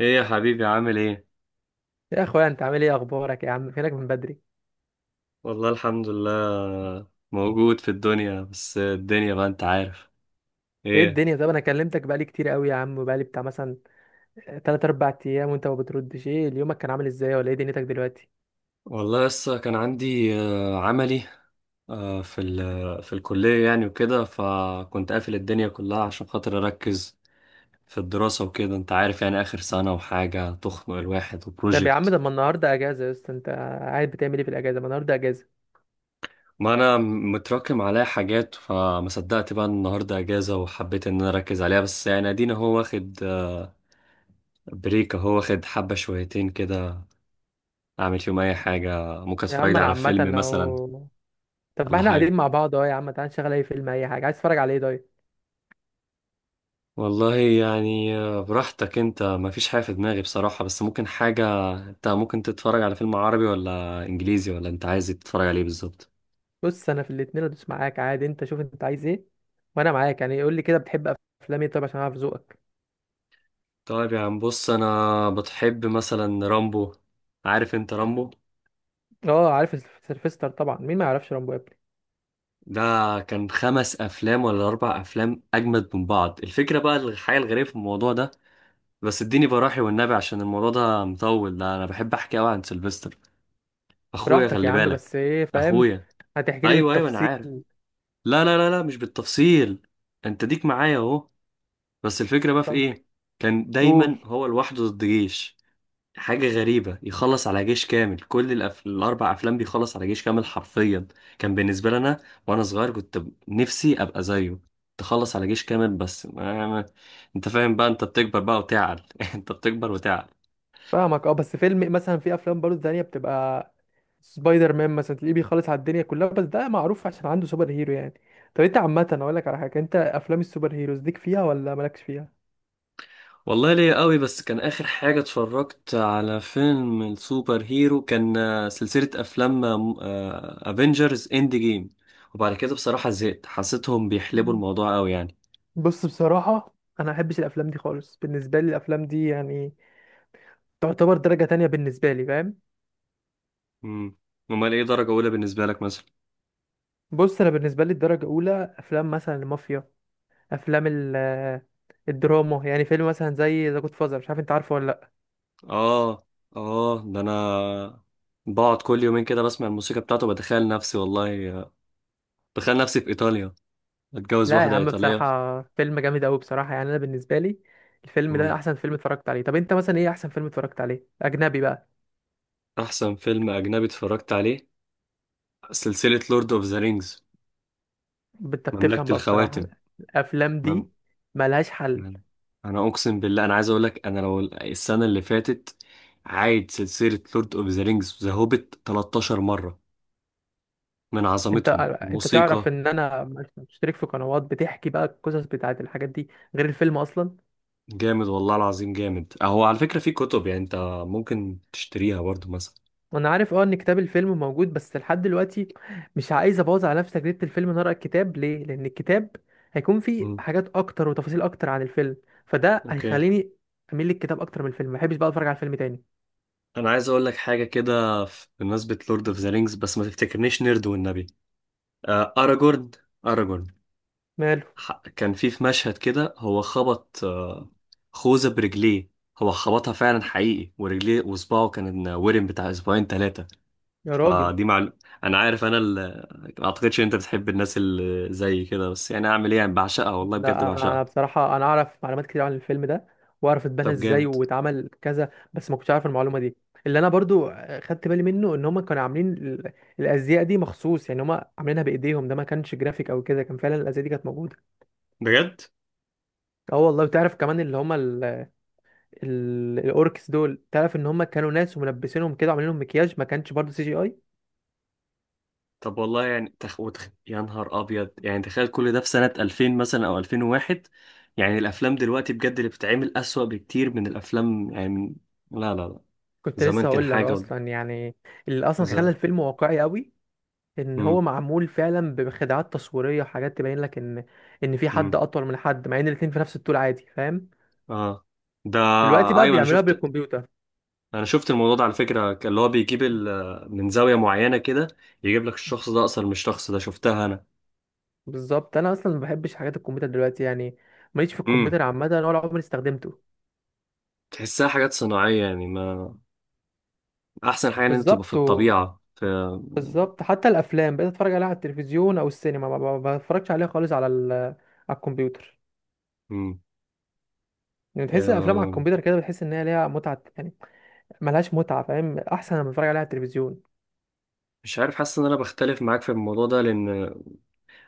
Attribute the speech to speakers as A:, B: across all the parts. A: ايه يا حبيبي، عامل ايه؟
B: يا اخويا، انت عامل ايه؟ اخبارك يا عم؟ فينك من بدري؟
A: والله الحمد لله. موجود في الدنيا، بس الدنيا بقى انت عارف.
B: ايه
A: ايه.
B: الدنيا؟ طب انا كلمتك بقالي كتير قوي يا عم، بقالي بتاع مثلا 3 4 ايام وانت ما بتردش. ايه اليومك كان عامل ازاي؟ ولا ايه دنيتك دلوقتي؟
A: والله لسه كان عندي عملي. في في الكلية يعني وكده، فكنت قافل الدنيا كلها عشان خاطر اركز في الدراسة وكده، انت عارف يعني، اخر سنة وحاجة تخنق الواحد
B: طب يا عم،
A: وبروجكت.
B: ده ما النهارده اجازه يا اسطى. انت قاعد بتعمل ايه في الاجازه؟ ما النهارده اجازه.
A: ما انا متراكم عليا حاجات، فما صدقت بقى إن النهارده اجازة، وحبيت ان انا اركز عليها. بس يعني ادينا هو واخد بريك، هو واخد حبة شويتين كده اعمل فيهم اي حاجه، ممكن
B: يا
A: اتفرج
B: عم
A: لي
B: انا
A: على
B: عامه
A: فيلم مثلا.
B: اهو. طب ما
A: ولا
B: احنا قاعدين
A: حاجه.
B: مع بعض اهو، يا عم تعال نشغل اي فيلم اي حاجه. عايز تتفرج على ايه؟ طيب،
A: والله يعني براحتك. انت ما فيش حاجه في دماغي بصراحه، بس ممكن حاجه، انت ممكن تتفرج على فيلم عربي ولا انجليزي، ولا انت عايز تتفرج عليه بالظبط؟
B: بص، انا في الاتنين ادوس معاك عادي، انت شوف انت عايز ايه وانا معاك، يعني قول لي كده، بتحب افلام ايه؟ طب عشان اعرف ذوقك.
A: طيب يا عم، بص انا بتحب مثلا رامبو. عارف انت رامبو؟
B: اه عارف سيلفستر طبعا، مين ما يعرفش رامبو؟
A: ده كان 5 افلام ولا 4 افلام، اجمد من بعض. الفكره بقى، الحاجه الغريبه في الموضوع ده، بس اديني براحي والنبي عشان الموضوع ده مطول، ده انا بحب احكي قوي عن سيلفستر. اخويا
B: براحتك يا
A: خلي
B: عم،
A: بالك،
B: بس ايه؟ فاهم.
A: اخويا.
B: هتحكي لي
A: ايوه ايوه انا عارف.
B: بالتفصيل.
A: لا لا لا لا، مش بالتفصيل. انت ديك معايا اهو. بس الفكره بقى في
B: ف-
A: ايه؟ كان
B: قول.
A: دايما هو لوحده ضد جيش. حاجه غريبه، يخلص على جيش كامل. كل الاربع افلام بيخلص على جيش كامل حرفيا. كان بالنسبه لي انا، وانا صغير كنت نفسي ابقى زيه، تخلص على جيش كامل. بس ما... ما... انت فاهم بقى، انت بتكبر بقى وتعقل انت بتكبر وتعقل.
B: فاهمك اه، بس فيلم مثلا، في افلام برضه تانية بتبقى سبايدر مان مثلا، تلاقيه بيخلص على الدنيا كلها، بس ده معروف عشان عنده سوبر هيرو يعني. طب انت عامة، اقول لك على حاجة، انت افلام السوبر هيروز ليك فيها ولا مالكش فيها؟
A: والله ليا قوي، بس كان آخر حاجة اتفرجت على فيلم السوبر هيرو، كان سلسلة أفلام افنجرز اند جيم، وبعد كده بصراحة زهقت، حسيتهم بيحلبوا
B: مم.
A: الموضوع قوي يعني.
B: بص بصراحة، انا ما احبش الافلام دي خالص، بالنسبة لي الافلام دي يعني تعتبر درجة تانية بالنسبة لي، فاهم.
A: امم. امال ايه درجة أولى بالنسبة لك مثلا؟
B: بص، انا بالنسبة لي الدرجة الاولى افلام مثلا المافيا، افلام ال الدراما يعني. فيلم مثلا زي ذا جود فازر، مش عارف انت عارفه ولا لا.
A: اه، اه، ده أنا بقعد كل يومين كده بسمع الموسيقى بتاعته، بتخيل نفسي والله، بتخيل نفسي في إيطاليا، بتجوز
B: لا يا
A: واحدة
B: عم
A: إيطالية.
B: بصراحه فيلم جامد قوي بصراحه يعني، انا بالنسبه لي الفيلم ده
A: امم.
B: احسن فيلم اتفرجت عليه. طب انت مثلا ايه احسن فيلم اتفرجت عليه اجنبي بقى؟
A: أحسن فيلم أجنبي اتفرجت عليه سلسلة لورد أوف ذا رينجز،
B: انت بتفهم
A: مملكة
B: بقى بصراحه،
A: الخواتم.
B: الافلام
A: مم-.
B: دي ملهاش حل.
A: تمام. انا اقسم بالله، انا عايز اقول لك، انا لو السنه اللي فاتت عايد سلسله لورد اوف ذا رينجز وذا هوبيت 13 مره، من
B: انت
A: عظمتهم
B: انت تعرف
A: الموسيقى.
B: ان انا مشترك في قنوات بتحكي بقى القصص بتاعت الحاجات دي، غير الفيلم اصلا.
A: جامد والله العظيم، جامد اهو. على فكره في كتب، يعني انت ممكن تشتريها برضو مثلا.
B: انا عارف اه ان كتاب الفيلم موجود، بس لحد دلوقتي مش عايز ابوظ على نفسي تجربة الفيلم إن أنا اقرا الكتاب. ليه؟ لان الكتاب هيكون فيه
A: مم.
B: حاجات اكتر وتفاصيل اكتر عن الفيلم، فده
A: اوكي.
B: هيخليني اميل للكتاب اكتر من الفيلم، ما بحبش بقى اتفرج على الفيلم تاني.
A: انا عايز اقول لك حاجه كده، بمناسبه لورد اوف ذا رينجز، بس ما تفتكرنيش نيرد والنبي. اراجورن، اراجورن،
B: ماله؟
A: كان في مشهد كده، هو خبط خوذة برجليه، هو خبطها فعلا حقيقي ورجليه، وصباعه كان ورم بتاع اسبوعين 3.
B: يا راجل!
A: فدي معلومة. انا عارف، ما اعتقدش ان انت بتحب الناس اللي زي كده، بس يعني اعمل ايه يعني، بعشقها والله، بجد
B: لا انا
A: بعشقها.
B: بصراحة انا اعرف معلومات كتير عن الفيلم ده، واعرف اتبنى
A: طب
B: ازاي
A: جامد،
B: واتعمل كذا، بس ما كنتش عارف المعلومة دي. اللي انا برضو خدت بالي منه ان هم كانوا عاملين الازياء دي مخصوص، يعني هم عاملينها بايديهم، ده ما كانش جرافيك او كده، كان فعلا الازياء دي كانت موجودة.
A: بجد.
B: اه والله بتعرف كمان اللي هما الاوركس دول، تعرف ان هما كانوا ناس وملبسينهم كده وعاملين لهم مكياج، ما كانش برضه سي جي اي.
A: طب والله يعني، يا نهار ابيض، يعني تخيل كل ده في سنة 2000 مثلا او 2001، يعني الافلام دلوقتي بجد اللي بتتعمل اسوأ بكتير من الافلام، يعني لا لا لا،
B: كنت
A: زمان
B: لسه
A: كان
B: هقول لك
A: حاجة.
B: اصلا يعني، اللي اصلا خلى
A: ذا.
B: الفيلم واقعي قوي ان هو
A: امم.
B: معمول فعلا بخدعات تصويريه وحاجات تبين لك ان في حد
A: امم.
B: اطول من حد، مع ان الاتنين في نفس الطول عادي، فاهم.
A: اه. ده.
B: دلوقتي بقى
A: ايوه انا
B: بيعملوها
A: شفت.
B: بالكمبيوتر.
A: انا شفت الموضوع ده على فكره، كان اللي هو من زاويه معينه كده، يجيب لك الشخص ده اصلا مش الشخص ده، شفتها انا.
B: بالظبط، انا اصلا ما بحبش حاجات الكمبيوتر دلوقتي يعني، ماليش في
A: امم.
B: الكمبيوتر عامه ولا عمري استخدمته.
A: تحسها حاجات صناعيه، يعني ما احسن حاجه ان انت تبقى في
B: بالظبط،
A: الطبيعه، في.
B: بالظبط. حتى الافلام بقيت اتفرج عليها على التلفزيون او السينما، ما بتفرجش عليها خالص على الكمبيوتر.
A: امم.
B: يعني تحس الافلام على
A: آه.
B: الكمبيوتر كده، بتحس ان هي ليها متعه يعني، ملهاش متعه فاهم، احسن لما بتفرج عليها على التلفزيون.
A: مش عارف، حاسس ان انا بختلف معاك في الموضوع ده، لان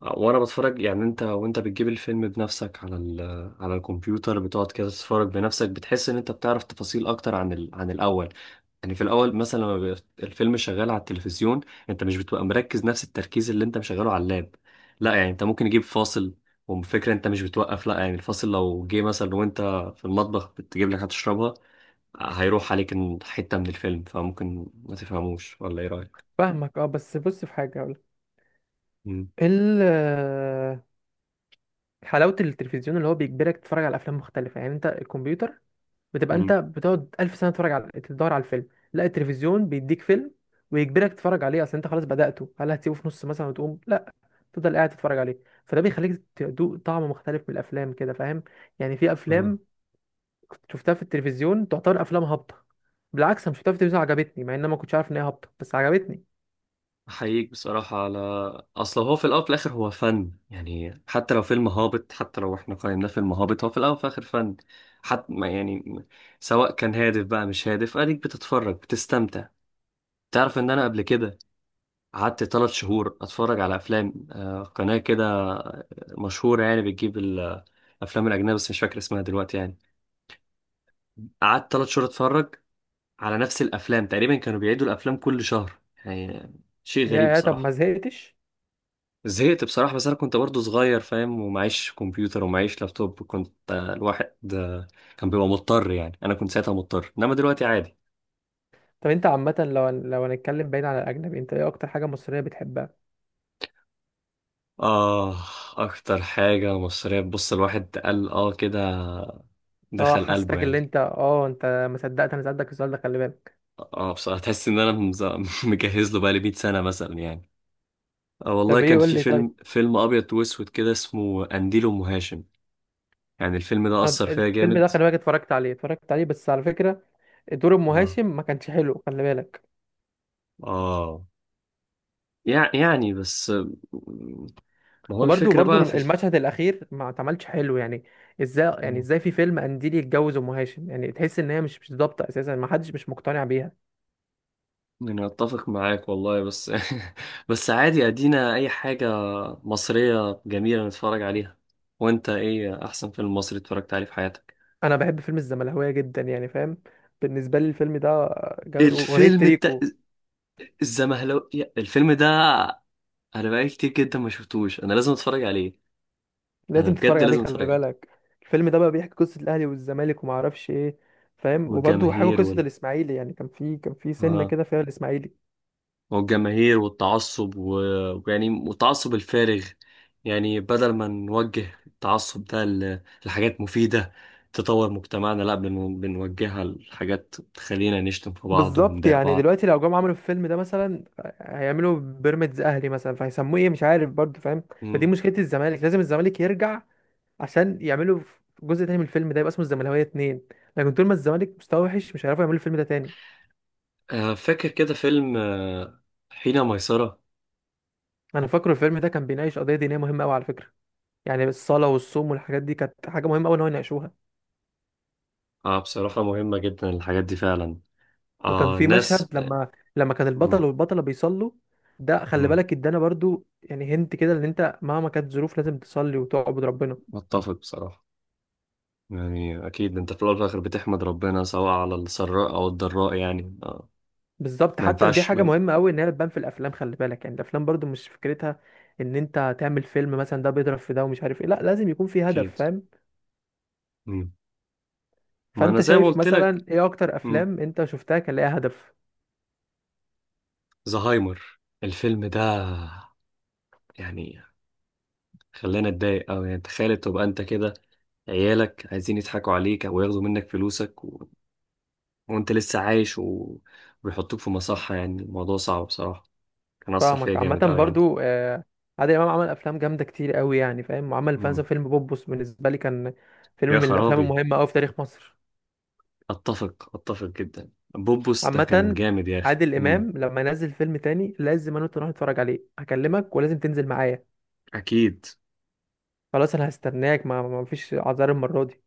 A: وانا بتفرج يعني، انت وانت بتجيب الفيلم بنفسك على على الكمبيوتر، بتقعد كده تتفرج بنفسك، بتحس ان انت بتعرف تفاصيل اكتر عن عن الاول. يعني في الاول مثلا لما بيبقى الفيلم شغال على التلفزيون، انت مش بتبقى مركز نفس التركيز اللي انت مشغله على اللاب. لا يعني انت ممكن يجيب فاصل، وفكرة انت مش بتوقف، لا يعني الفاصل لو جه مثلا وانت في المطبخ بتجيب لك هتشربها، هيروح عليك حتة من الفيلم، فممكن ما تفهموش، ولا ايه رأيك؟
B: فاهمك اه، بس بص، في حاجه اقول،
A: مم.
B: ال حلاوه التلفزيون اللي هو بيجبرك تتفرج على افلام مختلفه، يعني انت الكمبيوتر بتبقى انت
A: مم.
B: بتقعد ألف سنه تتفرج على، تدور على الفيلم. لا التلفزيون بيديك فيلم ويجبرك تتفرج عليه، اصل انت خلاص بدأته، هل هتسيبه في نص مثلا وتقوم؟ تفضل قاعد تتفرج عليه، فده بيخليك تدوق طعم مختلف من الافلام كده، فاهم. يعني في
A: اه،
B: افلام كنت شفتها في التلفزيون تعتبر افلام هابطه، بالعكس انا شفتها في التلفزيون عجبتني، مع ان انا ما كنتش عارف ان هي هابطه، بس عجبتني.
A: أحييك بصراحة، على أصل هو في الأول وفي الآخر هو فن. يعني حتى لو فيلم هابط، حتى لو إحنا قيمناه فيلم هابط، هو في الأول وفي الآخر فن. حتى ما يعني، سواء كان هادف بقى مش هادف، أديك بتتفرج بتستمتع. تعرف إن أنا قبل كده قعدت 3 شهور أتفرج على أفلام، قناة كده مشهورة، يعني بتجيب الأفلام الأجنبية، بس مش فاكر اسمها دلوقتي يعني. قعدت 3 شهور أتفرج على نفس الأفلام تقريبا، كانوا بيعيدوا الأفلام كل شهر، يعني شيء
B: يا
A: غريب
B: يا طب ما
A: بصراحة.
B: زهقتش؟
A: زهقت بصراحة، بس أنا كنت برضو صغير فاهم، ومعيش كمبيوتر ومعيش لابتوب، كنت الواحد كان بيبقى مضطر، يعني أنا كنت ساعتها مضطر، إنما دلوقتي عادي.
B: طب انت عامه، لو هنتكلم بعيد عن الاجنبي، انت ايه اكتر حاجه مصريه بتحبها؟
A: آه. أكتر حاجة مصرية، بص الواحد قال آه كده،
B: اه
A: دخل قلبه
B: حسيتك.
A: يعني.
B: اللي انت اه انت ما صدقت انا سالتك السؤال ده، خلي بالك.
A: آه بصراحة، تحس إن أنا مجهز له بقالي 100 سنة مثلا يعني. آه والله،
B: طب ايه؟
A: كان
B: قول
A: في
B: لي طيب.
A: فيلم أبيض وأسود كده اسمه قنديل أم هاشم، يعني الفيلم ده
B: طب
A: أثر فيا
B: الفيلم ده
A: جامد.
B: خلي بالك، اتفرجت عليه، اتفرجت عليه، بس على فكره دور ام
A: آه.
B: هاشم ما كانش حلو، خلي بالك.
A: آه. يعني بس، ما هو
B: وبرده
A: الفكرة
B: برده
A: بقى في
B: المشهد الاخير ما اتعملش حلو يعني. ازاي يعني؟
A: مم.
B: ازاي في فيلم قنديل يتجوز ام هاشم؟ يعني تحس ان هي مش ضابطه اساسا، ما حدش مش مقتنع بيها.
A: يعني أتفق معاك والله، بس بس عادي. أدينا أي حاجة مصرية جميلة نتفرج عليها. وأنت إيه أحسن فيلم مصري اتفرجت عليه في حياتك؟
B: انا بحب فيلم الزمهلاويه جدا يعني، فاهم. بالنسبه لي الفيلم ده جميل، واغنيه
A: الفيلم بتاع
B: تريكو.
A: الزمهلاوية، الفيلم ده أنا بقالي كتير جدا ما شفتوش، أنا لازم أتفرج عليه. أنا
B: لازم تتفرج
A: بجد
B: عليه
A: لازم
B: خلي
A: أتفرج عليه.
B: بالك. الفيلم ده بقى بيحكي قصه الاهلي والزمالك وما اعرفش ايه، فاهم. وبرده حاجه
A: والجماهير
B: قصه
A: وال.
B: الاسماعيلي، يعني كان في سنه
A: آه.
B: كده فيها الاسماعيلي.
A: والجماهير والتعصب ويعني والتعصب الفارغ، يعني بدل ما نوجه التعصب ده لحاجات مفيدة تطور مجتمعنا، لا بنوجهها لحاجات تخلينا نشتم في بعض
B: بالظبط،
A: ونضايق
B: يعني
A: بعض.
B: دلوقتي لو جم عملوا الفيلم ده مثلا، هيعملوا بيراميدز اهلي مثلا، فهيسموه ايه، مش عارف برضه، فاهم. فدي
A: مم.
B: مشكله، الزمالك لازم الزمالك يرجع عشان يعملوا جزء تاني من الفيلم ده يبقى اسمه الزملكاويه اتنين، لكن طول ما الزمالك مستواه وحش مش هيعرفوا يعملوا الفيلم ده تاني.
A: فاكر كده فيلم حين ميسرة.
B: انا فاكره الفيلم ده كان بيناقش قضيه دينيه مهمه قوي على فكره، يعني الصلاه والصوم والحاجات دي كانت حاجه مهمه قوي ان هو يناقشوها.
A: آه بصراحة مهمة جدا الحاجات دي فعلا.
B: وكان
A: آه،
B: في مشهد،
A: الناس، آه.
B: لما كان البطل
A: مم.
B: والبطله بيصلوا، ده خلي
A: مم.
B: بالك ادانا برضو يعني، هنت كده ان انت مهما كانت ظروف لازم تصلي وتعبد ربنا.
A: متفق بصراحة. يعني أكيد أنت في الأول وفي الآخر بتحمد ربنا سواء على السراء أو الضراء، يعني آه.
B: بالظبط،
A: ما
B: حتى دي
A: ينفعش.
B: حاجة مهمة قوي ان هي بتبان في الافلام، خلي بالك. يعني الافلام برضو مش فكرتها ان انت تعمل فيلم مثلا ده بيضرب في ده ومش عارف ايه، لا لازم يكون في هدف،
A: اكيد.
B: فاهم.
A: مم. ما انا
B: فانت
A: زي ما
B: شايف
A: قلت لك.
B: مثلا ايه اكتر
A: مم.
B: افلام انت شفتها كان ليها هدف؟
A: زهايمر الفيلم ده، يعني خلانا اتضايق أوي. يعني تخيل تبقى انت كده، عيالك عايزين يضحكوا عليك او ياخدوا منك فلوسك و... وانت لسه عايش، و... ويحطوك في مصحة. يعني الموضوع صعب بصراحة، كان اثر فيا
B: فاهمك، عامة
A: جامد أوي يعني.
B: برضو آه. عادل امام عمل افلام جامدة كتير قوي يعني، فاهم. وعمل
A: مم.
B: مثلا فيلم بوبوس، بالنسبة لي كان فيلم
A: يا
B: من الافلام
A: خرابي.
B: المهمة قوي في تاريخ مصر.
A: اتفق اتفق جدا، بوبوس ده كان
B: عامة
A: جامد يا اخي.
B: عادل
A: مم.
B: امام لما ينزل فيلم تاني لازم انا وانت نروح نتفرج عليه، هكلمك ولازم تنزل معايا.
A: اكيد.
B: خلاص انا هستناك، ما فيش اعذار المرة دي.